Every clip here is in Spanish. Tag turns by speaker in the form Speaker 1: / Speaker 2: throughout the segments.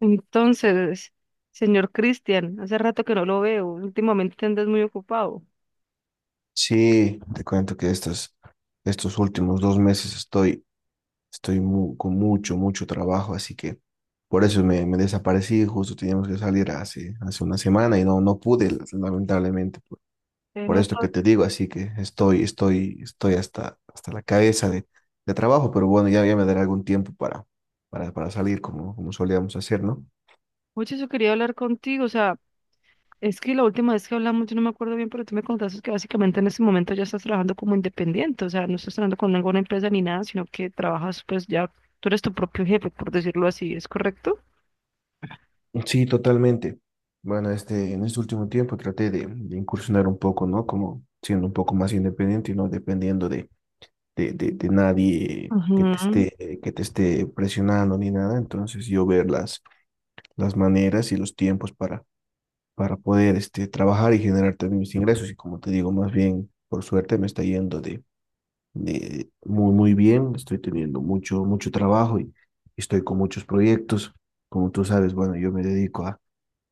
Speaker 1: Entonces, señor Cristian, hace rato que no lo veo, últimamente andas muy ocupado.
Speaker 2: Sí, te cuento que estos últimos dos meses estoy con mucho trabajo, así que por eso me desaparecí, justo teníamos que salir hace una semana y no pude, lamentablemente,
Speaker 1: Te
Speaker 2: por esto que
Speaker 1: noto.
Speaker 2: te digo, así que estoy hasta la cabeza de trabajo, pero bueno, ya me daré algún tiempo para salir como solíamos hacer, ¿no?
Speaker 1: Mucho eso quería hablar contigo, o sea, es que la última vez que hablamos yo no me acuerdo bien, pero tú me contaste que básicamente en este momento ya estás trabajando como independiente, o sea, no estás trabajando con ninguna empresa ni nada, sino que trabajas pues ya, tú eres tu propio jefe, por decirlo así, ¿es correcto?
Speaker 2: Sí, totalmente. Bueno, este, en este último tiempo traté de incursionar un poco, ¿no? Como siendo un poco más independiente y no dependiendo de nadie que
Speaker 1: Ajá.
Speaker 2: te que te esté presionando ni nada. Entonces yo ver las maneras y los tiempos para poder este, trabajar y generar también mis ingresos. Y como te digo, más bien, por suerte me está yendo de muy bien. Estoy teniendo mucho trabajo y estoy con muchos proyectos. Como tú sabes, bueno, yo me dedico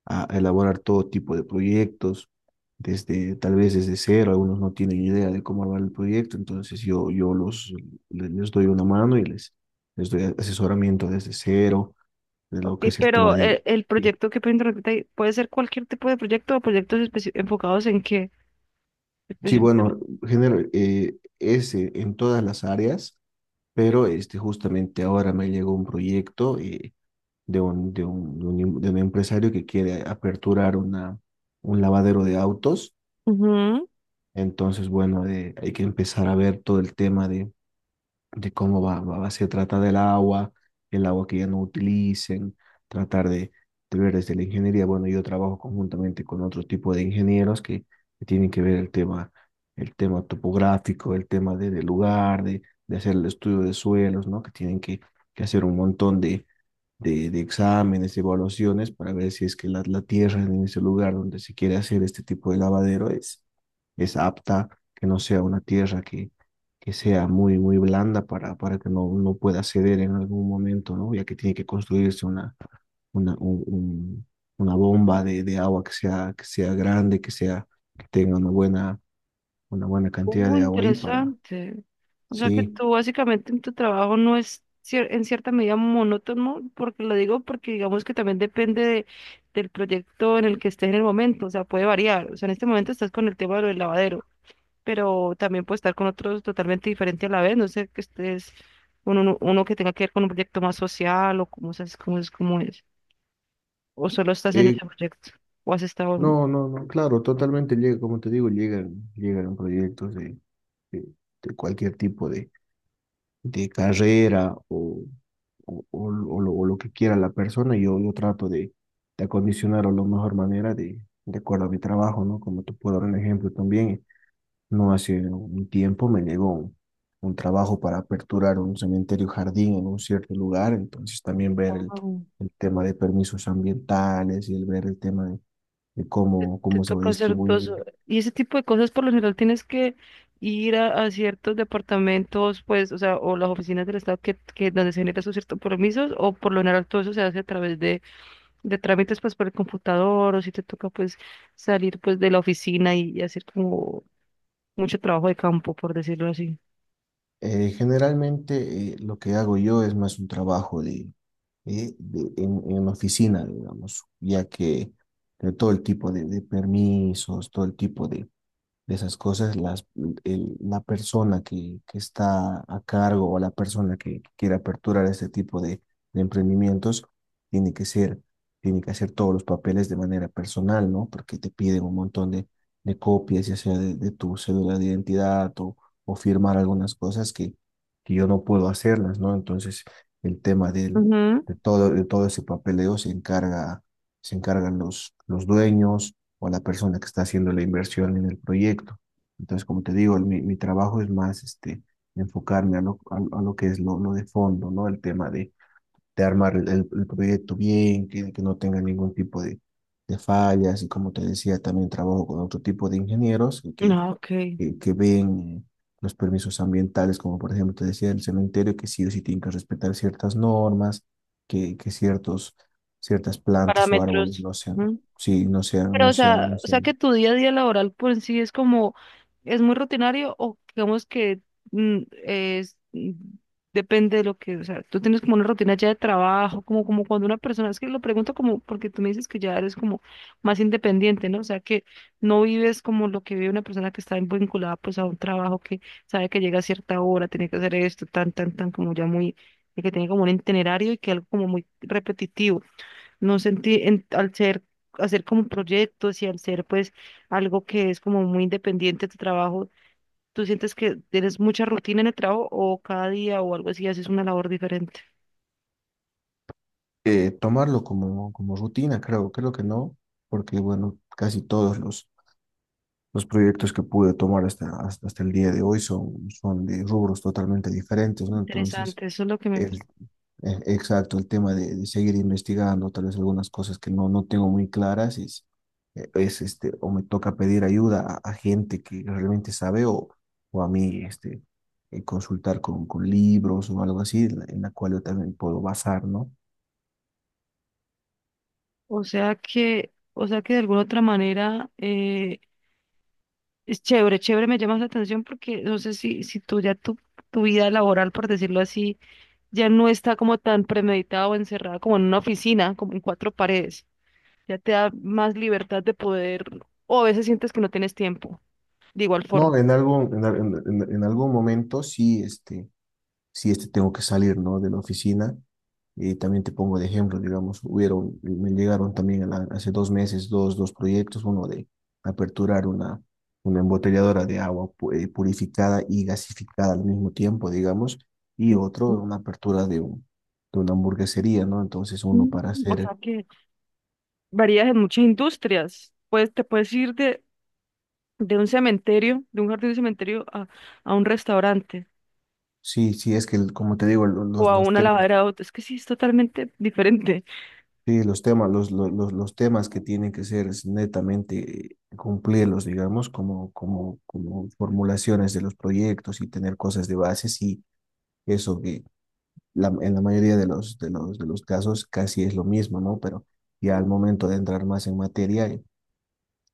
Speaker 2: a elaborar todo tipo de proyectos, desde, tal vez desde cero, algunos no tienen idea de cómo armar el proyecto, entonces yo les doy una mano y les doy asesoramiento desde cero, de lo
Speaker 1: Ok,
Speaker 2: que es el tema
Speaker 1: pero
Speaker 2: de...
Speaker 1: el proyecto que puede interrumpirte ahí, ¿puede ser cualquier tipo de proyecto o proyectos enfocados en qué?
Speaker 2: Sí,
Speaker 1: Especi-.
Speaker 2: bueno, general es en todas las áreas, pero este, justamente ahora me llegó un proyecto de un empresario que quiere aperturar un lavadero de autos.
Speaker 1: Ujú.
Speaker 2: Entonces, bueno, de- hay que empezar a ver todo el tema de cómo se trata del agua, el agua que ya no utilicen, tratar de ver desde la ingeniería. Bueno, yo trabajo conjuntamente con otro tipo de ingenieros que tienen que ver el tema topográfico, el tema del lugar, de hacer el estudio de suelos, ¿no? Que tienen que hacer un montón de exámenes, de evaluaciones, para ver si es que la tierra en ese lugar donde se quiere hacer este tipo de lavadero es apta, que no sea una tierra que sea muy blanda para que no pueda ceder en algún momento, ¿no? Ya que tiene que construirse una, un- un- una bomba de agua que que sea grande, que que tenga una buena cantidad
Speaker 1: Oh,
Speaker 2: de agua ahí para,
Speaker 1: interesante. O sea que
Speaker 2: sí.
Speaker 1: tú básicamente en tu trabajo no es en cierta medida monótono, porque lo digo porque digamos que también depende del proyecto en el que estés en el momento, o sea, puede variar. O sea, en este momento estás con el tema de lo del lavadero, pero también puedes estar con otros totalmente diferente a la vez, no sé, que estés con uno que tenga que ver con un proyecto más social o cómo es, cómo es, cómo es. ¿O solo estás en
Speaker 2: Eh,
Speaker 1: ese proyecto, o has estado...?
Speaker 2: no, no, no, claro, totalmente llega, como te digo, llegan proyectos de, de cualquier tipo de carrera o lo que quiera la persona, yo trato de acondicionarlo de la mejor manera de acuerdo a mi trabajo, ¿no? Como te puedo dar un ejemplo también, no hace un tiempo me llegó un trabajo para aperturar un cementerio jardín en un cierto lugar, entonces también ver
Speaker 1: Wow.
Speaker 2: el tema de permisos ambientales y el ver el tema de cómo,
Speaker 1: Te
Speaker 2: cómo se va a
Speaker 1: toca hacer todo eso.
Speaker 2: distribuir.
Speaker 1: Y ese tipo de cosas por lo general tienes que ir a ciertos departamentos, pues, o sea, o las oficinas del Estado que donde se generan sus ciertos permisos, o por lo general todo eso se hace a través de trámites, pues, por el computador, o si te toca, pues, salir, pues, de la oficina y hacer como mucho trabajo de campo, por decirlo así.
Speaker 2: Generalmente lo que hago yo es más un trabajo de en una oficina, digamos, ya que de todo el tipo de permisos, todo el tipo de esas cosas, la persona que está a cargo o la persona que quiere aperturar este tipo de emprendimientos tiene que tiene que hacer todos los papeles de manera personal, ¿no? Porque te piden un montón de copias, ya sea de tu cédula de identidad o firmar algunas cosas que yo no puedo hacerlas, ¿no? Entonces, el tema
Speaker 1: Ujú.
Speaker 2: de todo ese papeleo se encargan los dueños o a la persona que está haciendo la inversión en el proyecto. Entonces, como te digo, mi trabajo es más este, enfocarme a lo que es lo de fondo, ¿no? El tema de armar el proyecto bien, que no tenga ningún tipo de fallas. Y como te decía, también trabajo con otro tipo de ingenieros que,
Speaker 1: Ah, ok.
Speaker 2: que, que- ven los permisos ambientales, como por ejemplo te decía, el cementerio, que sí o sí tienen que respetar ciertas normas, que ciertas plantas o árboles
Speaker 1: Parámetros.
Speaker 2: no sean, sí,
Speaker 1: Pero,
Speaker 2: no
Speaker 1: o sea que
Speaker 2: sean
Speaker 1: tu día a día laboral por en sí es como, es muy rutinario o digamos que mm, es, mm, depende de lo que, o sea, tú tienes como una rutina ya de trabajo, como, como cuando una persona, es que lo pregunto como, porque tú me dices que ya eres como más independiente, ¿no? O sea, que no vives como lo que vive una persona que está vinculada pues a un trabajo que sabe que llega a cierta hora, tiene que hacer esto, tan, tan, tan, como ya muy, que tiene como un itinerario y que algo como muy repetitivo. No sentí, en- al ser, hacer como proyectos y al ser pues algo que es como muy independiente de tu trabajo, ¿tú sientes que tienes mucha rutina en el trabajo o cada día o algo así haces una labor diferente?
Speaker 2: tomarlo como, como rutina, creo que no, porque bueno, casi todos los proyectos que pude tomar hasta el día de hoy son de rubros totalmente diferentes, ¿no? Entonces,
Speaker 1: Interesante, eso es lo que me
Speaker 2: el,
Speaker 1: gusta.
Speaker 2: exacto, el tema de seguir investigando, tal vez algunas cosas que no tengo muy claras, es este, o me toca pedir ayuda a gente que realmente sabe o a mí, este, consultar con libros o algo así, en en la cual yo también puedo basar, ¿no?
Speaker 1: O sea que de alguna otra manera es chévere, chévere, me llama la atención porque no sé si, tu vida laboral, por decirlo así, ya no está como tan premeditada o encerrada como en una oficina, como en cuatro paredes. Ya te da más libertad de poder, o a veces sientes que no tienes tiempo, de igual forma.
Speaker 2: No, en algún, en, al- en- En algún momento sí, este tengo que salir, ¿no? De la oficina. Y también te pongo de ejemplo, digamos, hubieron, me llegaron también a la- hace dos meses dos proyectos, uno de aperturar una embotelladora de agua purificada y gasificada al mismo tiempo, digamos, y otro,
Speaker 1: Ujú.
Speaker 2: una apertura de, un, de una hamburguesería, ¿no? Entonces uno para
Speaker 1: O
Speaker 2: hacer,
Speaker 1: sea que varías en muchas industrias. Pues te puedes ir de un cementerio, de un jardín de cementerio a un restaurante
Speaker 2: sí, sí, es que el- como te digo,
Speaker 1: o a
Speaker 2: los
Speaker 1: una
Speaker 2: temas.
Speaker 1: lavadera de autos. Es que sí, es totalmente diferente.
Speaker 2: Sí, los temas, los temas que tienen que ser es netamente cumplirlos, digamos, como formulaciones de los proyectos y tener cosas de base, sí, eso que la- en la mayoría de los casos casi es lo mismo, ¿no? Pero ya al momento de entrar más en materia,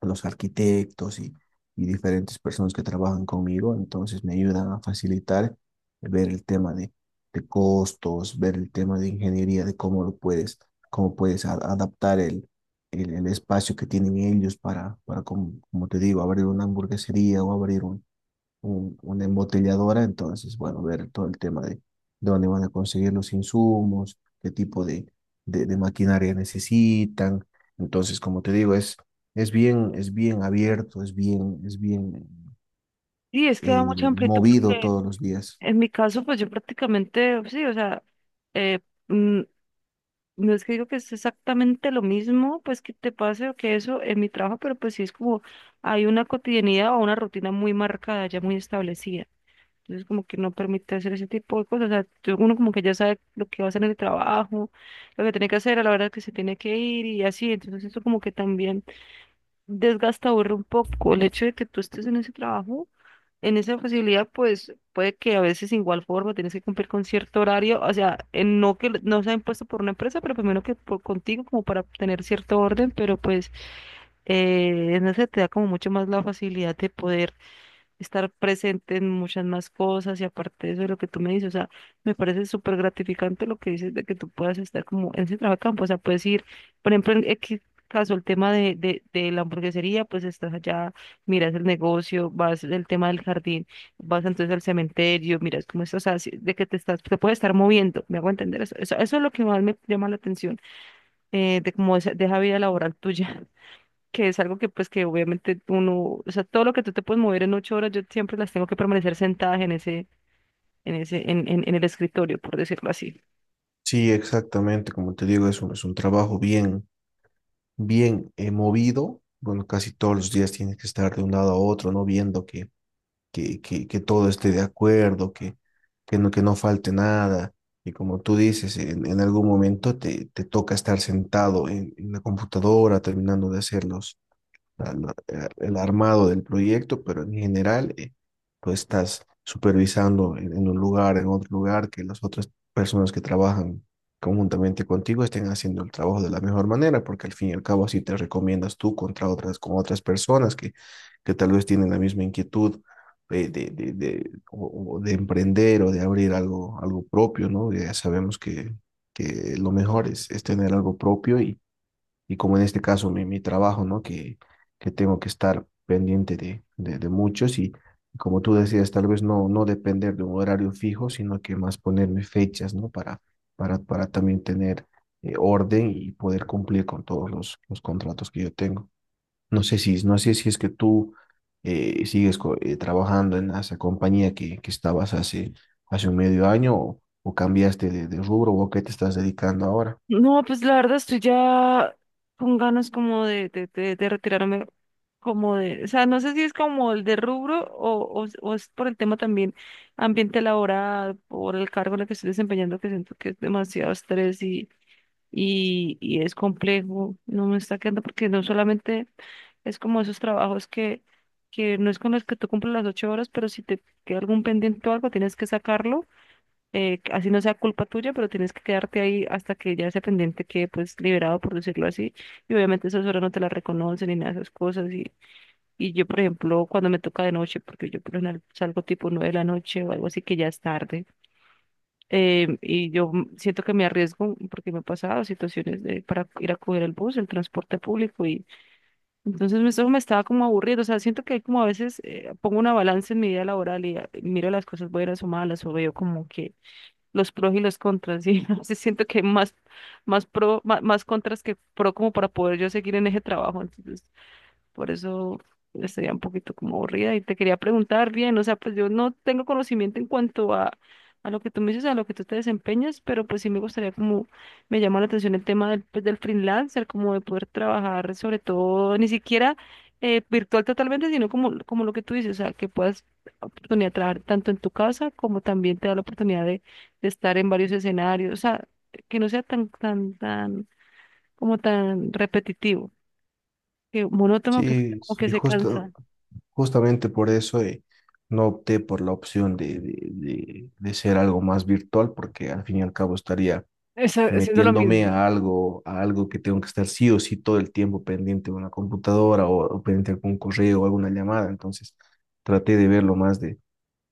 Speaker 2: los arquitectos y diferentes personas que trabajan conmigo, entonces me ayudan a facilitar ver el tema de costos, ver el tema de ingeniería, de cómo lo cómo puedes adaptar el espacio que tienen ellos para como, como te digo, abrir una hamburguesería o abrir una embotelladora, entonces, bueno, ver todo el tema de dónde van a conseguir los insumos, qué tipo de maquinaria necesitan. Entonces, como te digo, es bien abierto, es bien
Speaker 1: Sí, es que da mucha amplitud
Speaker 2: movido
Speaker 1: porque
Speaker 2: todos los días.
Speaker 1: en mi caso, pues yo prácticamente, sí, o sea, eh, mm, no es que digo que es exactamente lo mismo, pues que te pase o que eso en mi trabajo, pero pues sí es como hay una cotidianidad o una rutina muy marcada, ya muy establecida. Entonces como que no permite hacer ese tipo de cosas. O sea, tú- uno como que ya sabe lo que va a hacer en el trabajo, lo que tiene que hacer a la hora que se tiene que ir y así. Entonces eso como que también desgasta, aburre un poco el hecho de que tú estés en ese trabajo en esa posibilidad, pues puede que a veces igual forma tienes que cumplir con cierto horario, o sea, en- no que no sea impuesto por una empresa, pero primero que por contigo, como para tener cierto orden, pero pues en eso te da como mucho más la facilidad de poder estar presente en muchas más cosas y aparte de eso de lo que tú me dices, o sea, me parece súper gratificante lo que dices de que tú puedas estar como en ese trabajo a campo, o sea, puedes ir, por ejemplo, en X caso, el tema de la hamburguesería, pues estás allá, miras el negocio, vas el tema del jardín, vas entonces al cementerio, miras cómo estás, o sea, si- de que te estás, te puedes estar moviendo, me hago entender eso, eso, eso es lo que más me llama la atención, de cómo esa, de esa vida laboral tuya que es algo que pues que obviamente uno, o sea, todo lo que tú te puedes mover en 8 horas, yo siempre las tengo que permanecer sentadas en ese, en ese, en el escritorio, por decirlo así.
Speaker 2: Sí, exactamente, como te digo, es un trabajo bien movido. Bueno, casi todos los días tienes que estar de un lado a otro, ¿no? Viendo que todo esté de acuerdo, que que no falte nada. Y como tú dices, en algún momento te toca estar sentado en la computadora terminando de hacer el armado del proyecto, pero en general tú estás supervisando en un lugar, en otro lugar, que las otras personas que trabajan conjuntamente contigo estén haciendo el trabajo de la mejor manera, porque al fin y al cabo así te recomiendas tú contra otras, con otras personas que tal vez tienen la misma inquietud. O de emprender o de abrir algo, algo propio, ¿no? Ya sabemos que lo mejor es tener algo propio y como en este caso mi trabajo, ¿no? Que tengo que estar pendiente de muchos y como tú decías, tal vez no depender de un horario fijo, sino que más ponerme fechas, ¿no? Para también tener orden y poder cumplir con todos los contratos que yo tengo. No sé si es que tú trabajando en esa compañía que estabas hace un medio año o cambiaste de rubro o a qué te estás dedicando ahora.
Speaker 1: No, pues la verdad estoy ya con ganas como de retirarme, como de, o sea, no sé si es como el de rubro o es por el tema también ambiente laboral, por el cargo en el que estoy desempeñando, que siento que es demasiado estrés y es complejo, no me está quedando porque no solamente es como esos trabajos que no es con los que tú cumples las 8 horas, pero si te queda algún pendiente o algo, tienes que sacarlo, así no sea culpa tuya, pero tienes que quedarte ahí hasta que ya ese pendiente quede pues liberado, por decirlo así, y obviamente esas horas no te las reconocen ni nada de esas cosas, y yo por ejemplo cuando me toca de noche, porque yo por lo general salgo tipo 9 de la noche o algo así que ya es tarde, y yo m- siento que me arriesgo porque me he pasado situaciones de, para ir a coger el bus, el transporte público y entonces me- eso me estaba como aburriendo, o sea, siento que hay como a veces pongo una balanza en mi vida laboral y ah, miro las cosas buenas o malas o veo como que los pros y los contras y a veces siento que hay más, más pro, ma- más, contras que pro como para poder yo seguir en ese trabajo, entonces por eso estaría un poquito como aburrida y te quería preguntar bien, o sea, pues yo no tengo conocimiento en cuanto a lo que tú me dices, a lo que tú te desempeñas, pero pues sí me gustaría como, me llama la atención el tema del, pues, del freelancer, como de poder trabajar sobre todo, ni siquiera virtual totalmente, sino como, como lo que tú dices, o sea, que puedas oportunidad de trabajar tanto en tu casa como también te da la oportunidad de estar en varios escenarios, o sea, que no sea tan, tan, tan, como tan repetitivo que monótono que
Speaker 2: Sí,
Speaker 1: como que
Speaker 2: sí,
Speaker 1: se cansa
Speaker 2: justo, justamente por eso no opté por la opción de ser algo más virtual, porque al fin y al cabo estaría
Speaker 1: esa- haciendo lo
Speaker 2: metiéndome
Speaker 1: mismo.
Speaker 2: a algo que tengo que estar sí o sí todo el tiempo pendiente de una computadora o pendiente de algún correo o alguna llamada. Entonces traté de verlo más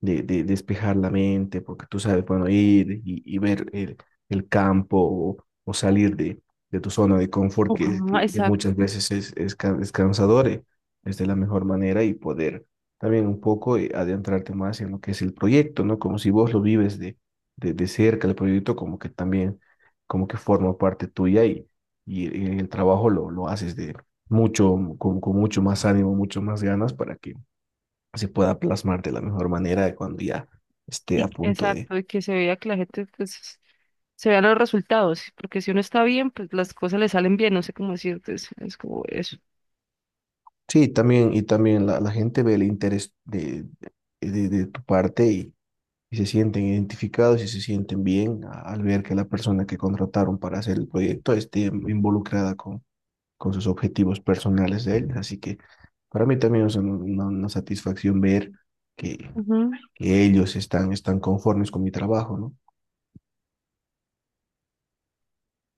Speaker 2: de despejar la mente, porque tú sabes, bueno, ir y ver el campo o salir de tu zona de confort,
Speaker 1: Ajá,
Speaker 2: que
Speaker 1: exacto.
Speaker 2: muchas veces es cansador, es de la mejor manera y poder también un poco adentrarte más en lo que es el proyecto, ¿no? Como si vos lo vives de cerca, el proyecto como que también, como que forma parte tuya y el trabajo lo haces de mucho, con mucho más ánimo, mucho más ganas para que se pueda plasmar de la mejor manera cuando ya esté
Speaker 1: Y,
Speaker 2: a punto de...
Speaker 1: exacto, y que se vea que la gente, pues, se vean los resultados, porque si uno está bien, pues las cosas le salen bien, no sé cómo decirte, es como eso.
Speaker 2: Sí, también, y también la gente ve el interés de tu parte y se sienten identificados y se sienten bien a- al ver que la persona que contrataron para hacer el proyecto esté involucrada con sus objetivos personales de ellos. Así que para mí también es una satisfacción ver que,
Speaker 1: Ujú.
Speaker 2: que ellos están, están conformes con mi trabajo, ¿no?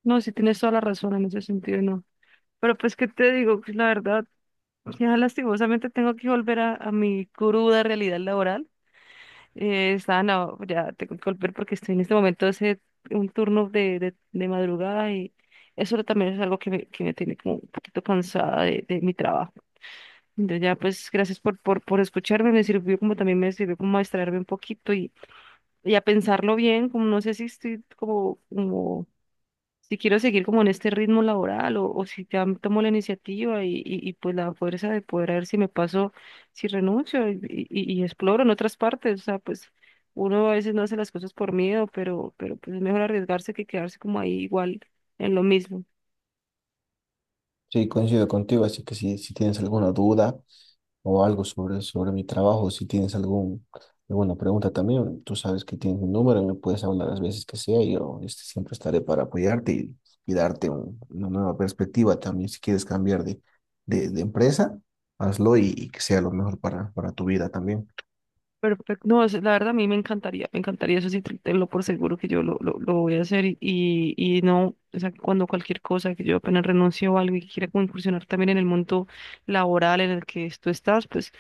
Speaker 1: No, sí tienes toda la razón en ese sentido, no. Pero pues, ¿qué te digo? Pues, la verdad, ya lastimosamente tengo que volver a mi cruda realidad laboral. Está, no, ya tengo que volver porque estoy en este momento hace un turno de madrugada y eso también es algo que me tiene como un poquito cansada de mi trabajo. Entonces ya pues gracias por escucharme, me sirvió como también me sirvió como a distraerme un poquito y a pensarlo bien, como no sé si estoy como, como si quiero seguir como en este ritmo laboral o si ya tomo la iniciativa y, pues la fuerza de poder a ver si me paso, si renuncio y, y exploro en otras partes. O sea, pues uno a veces no hace las cosas por miedo, pero pues es mejor arriesgarse que quedarse como ahí igual en lo mismo.
Speaker 2: Sí, coincido contigo, así que si tienes alguna duda o algo sobre, sobre mi trabajo, si tienes algún, alguna pregunta también, tú sabes que tienes mi número, me puedes hablar las veces que sea, y yo este, siempre estaré para apoyarte y darte una nueva perspectiva también. Si quieres cambiar de empresa, hazlo y que sea lo mejor para tu vida también.
Speaker 1: Perfecto. No, es- la verdad a mí me encantaría eso sí, te- tenlo por seguro que yo lo voy a hacer y no, o sea, cuando cualquier cosa, que yo apenas renuncio o algo y quiera como incursionar también en el mundo laboral en el que tú estás, pues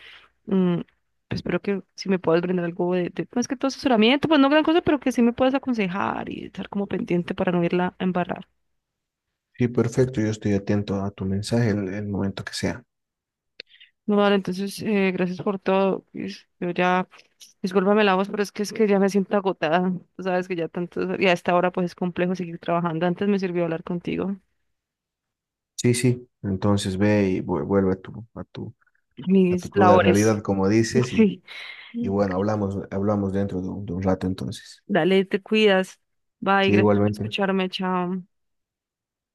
Speaker 1: Mm, pues espero que si me puedas brindar algo de, más que todo asesoramiento, pues no gran cosa, pero que sí me puedas aconsejar y estar como pendiente para no irla a embarrar.
Speaker 2: Sí, perfecto, yo estoy atento a tu mensaje en el momento que sea.
Speaker 1: No, vale, entonces, gracias por todo. Is- Yo ya, discúlpame la voz, pero es que ya me siento agotada. Tú sabes que ya tanto, y a esta hora pues es complejo seguir trabajando. Antes me sirvió hablar contigo.
Speaker 2: Sí, sí, entonces ve y vuelve a tu
Speaker 1: Mis
Speaker 2: cruda
Speaker 1: labores.
Speaker 2: realidad, como dices, y
Speaker 1: Sí.
Speaker 2: Y bueno, hablamos dentro de un rato entonces.
Speaker 1: Dale, te cuidas. Bye,
Speaker 2: Sí,
Speaker 1: gracias por
Speaker 2: igualmente.
Speaker 1: escucharme. Chao.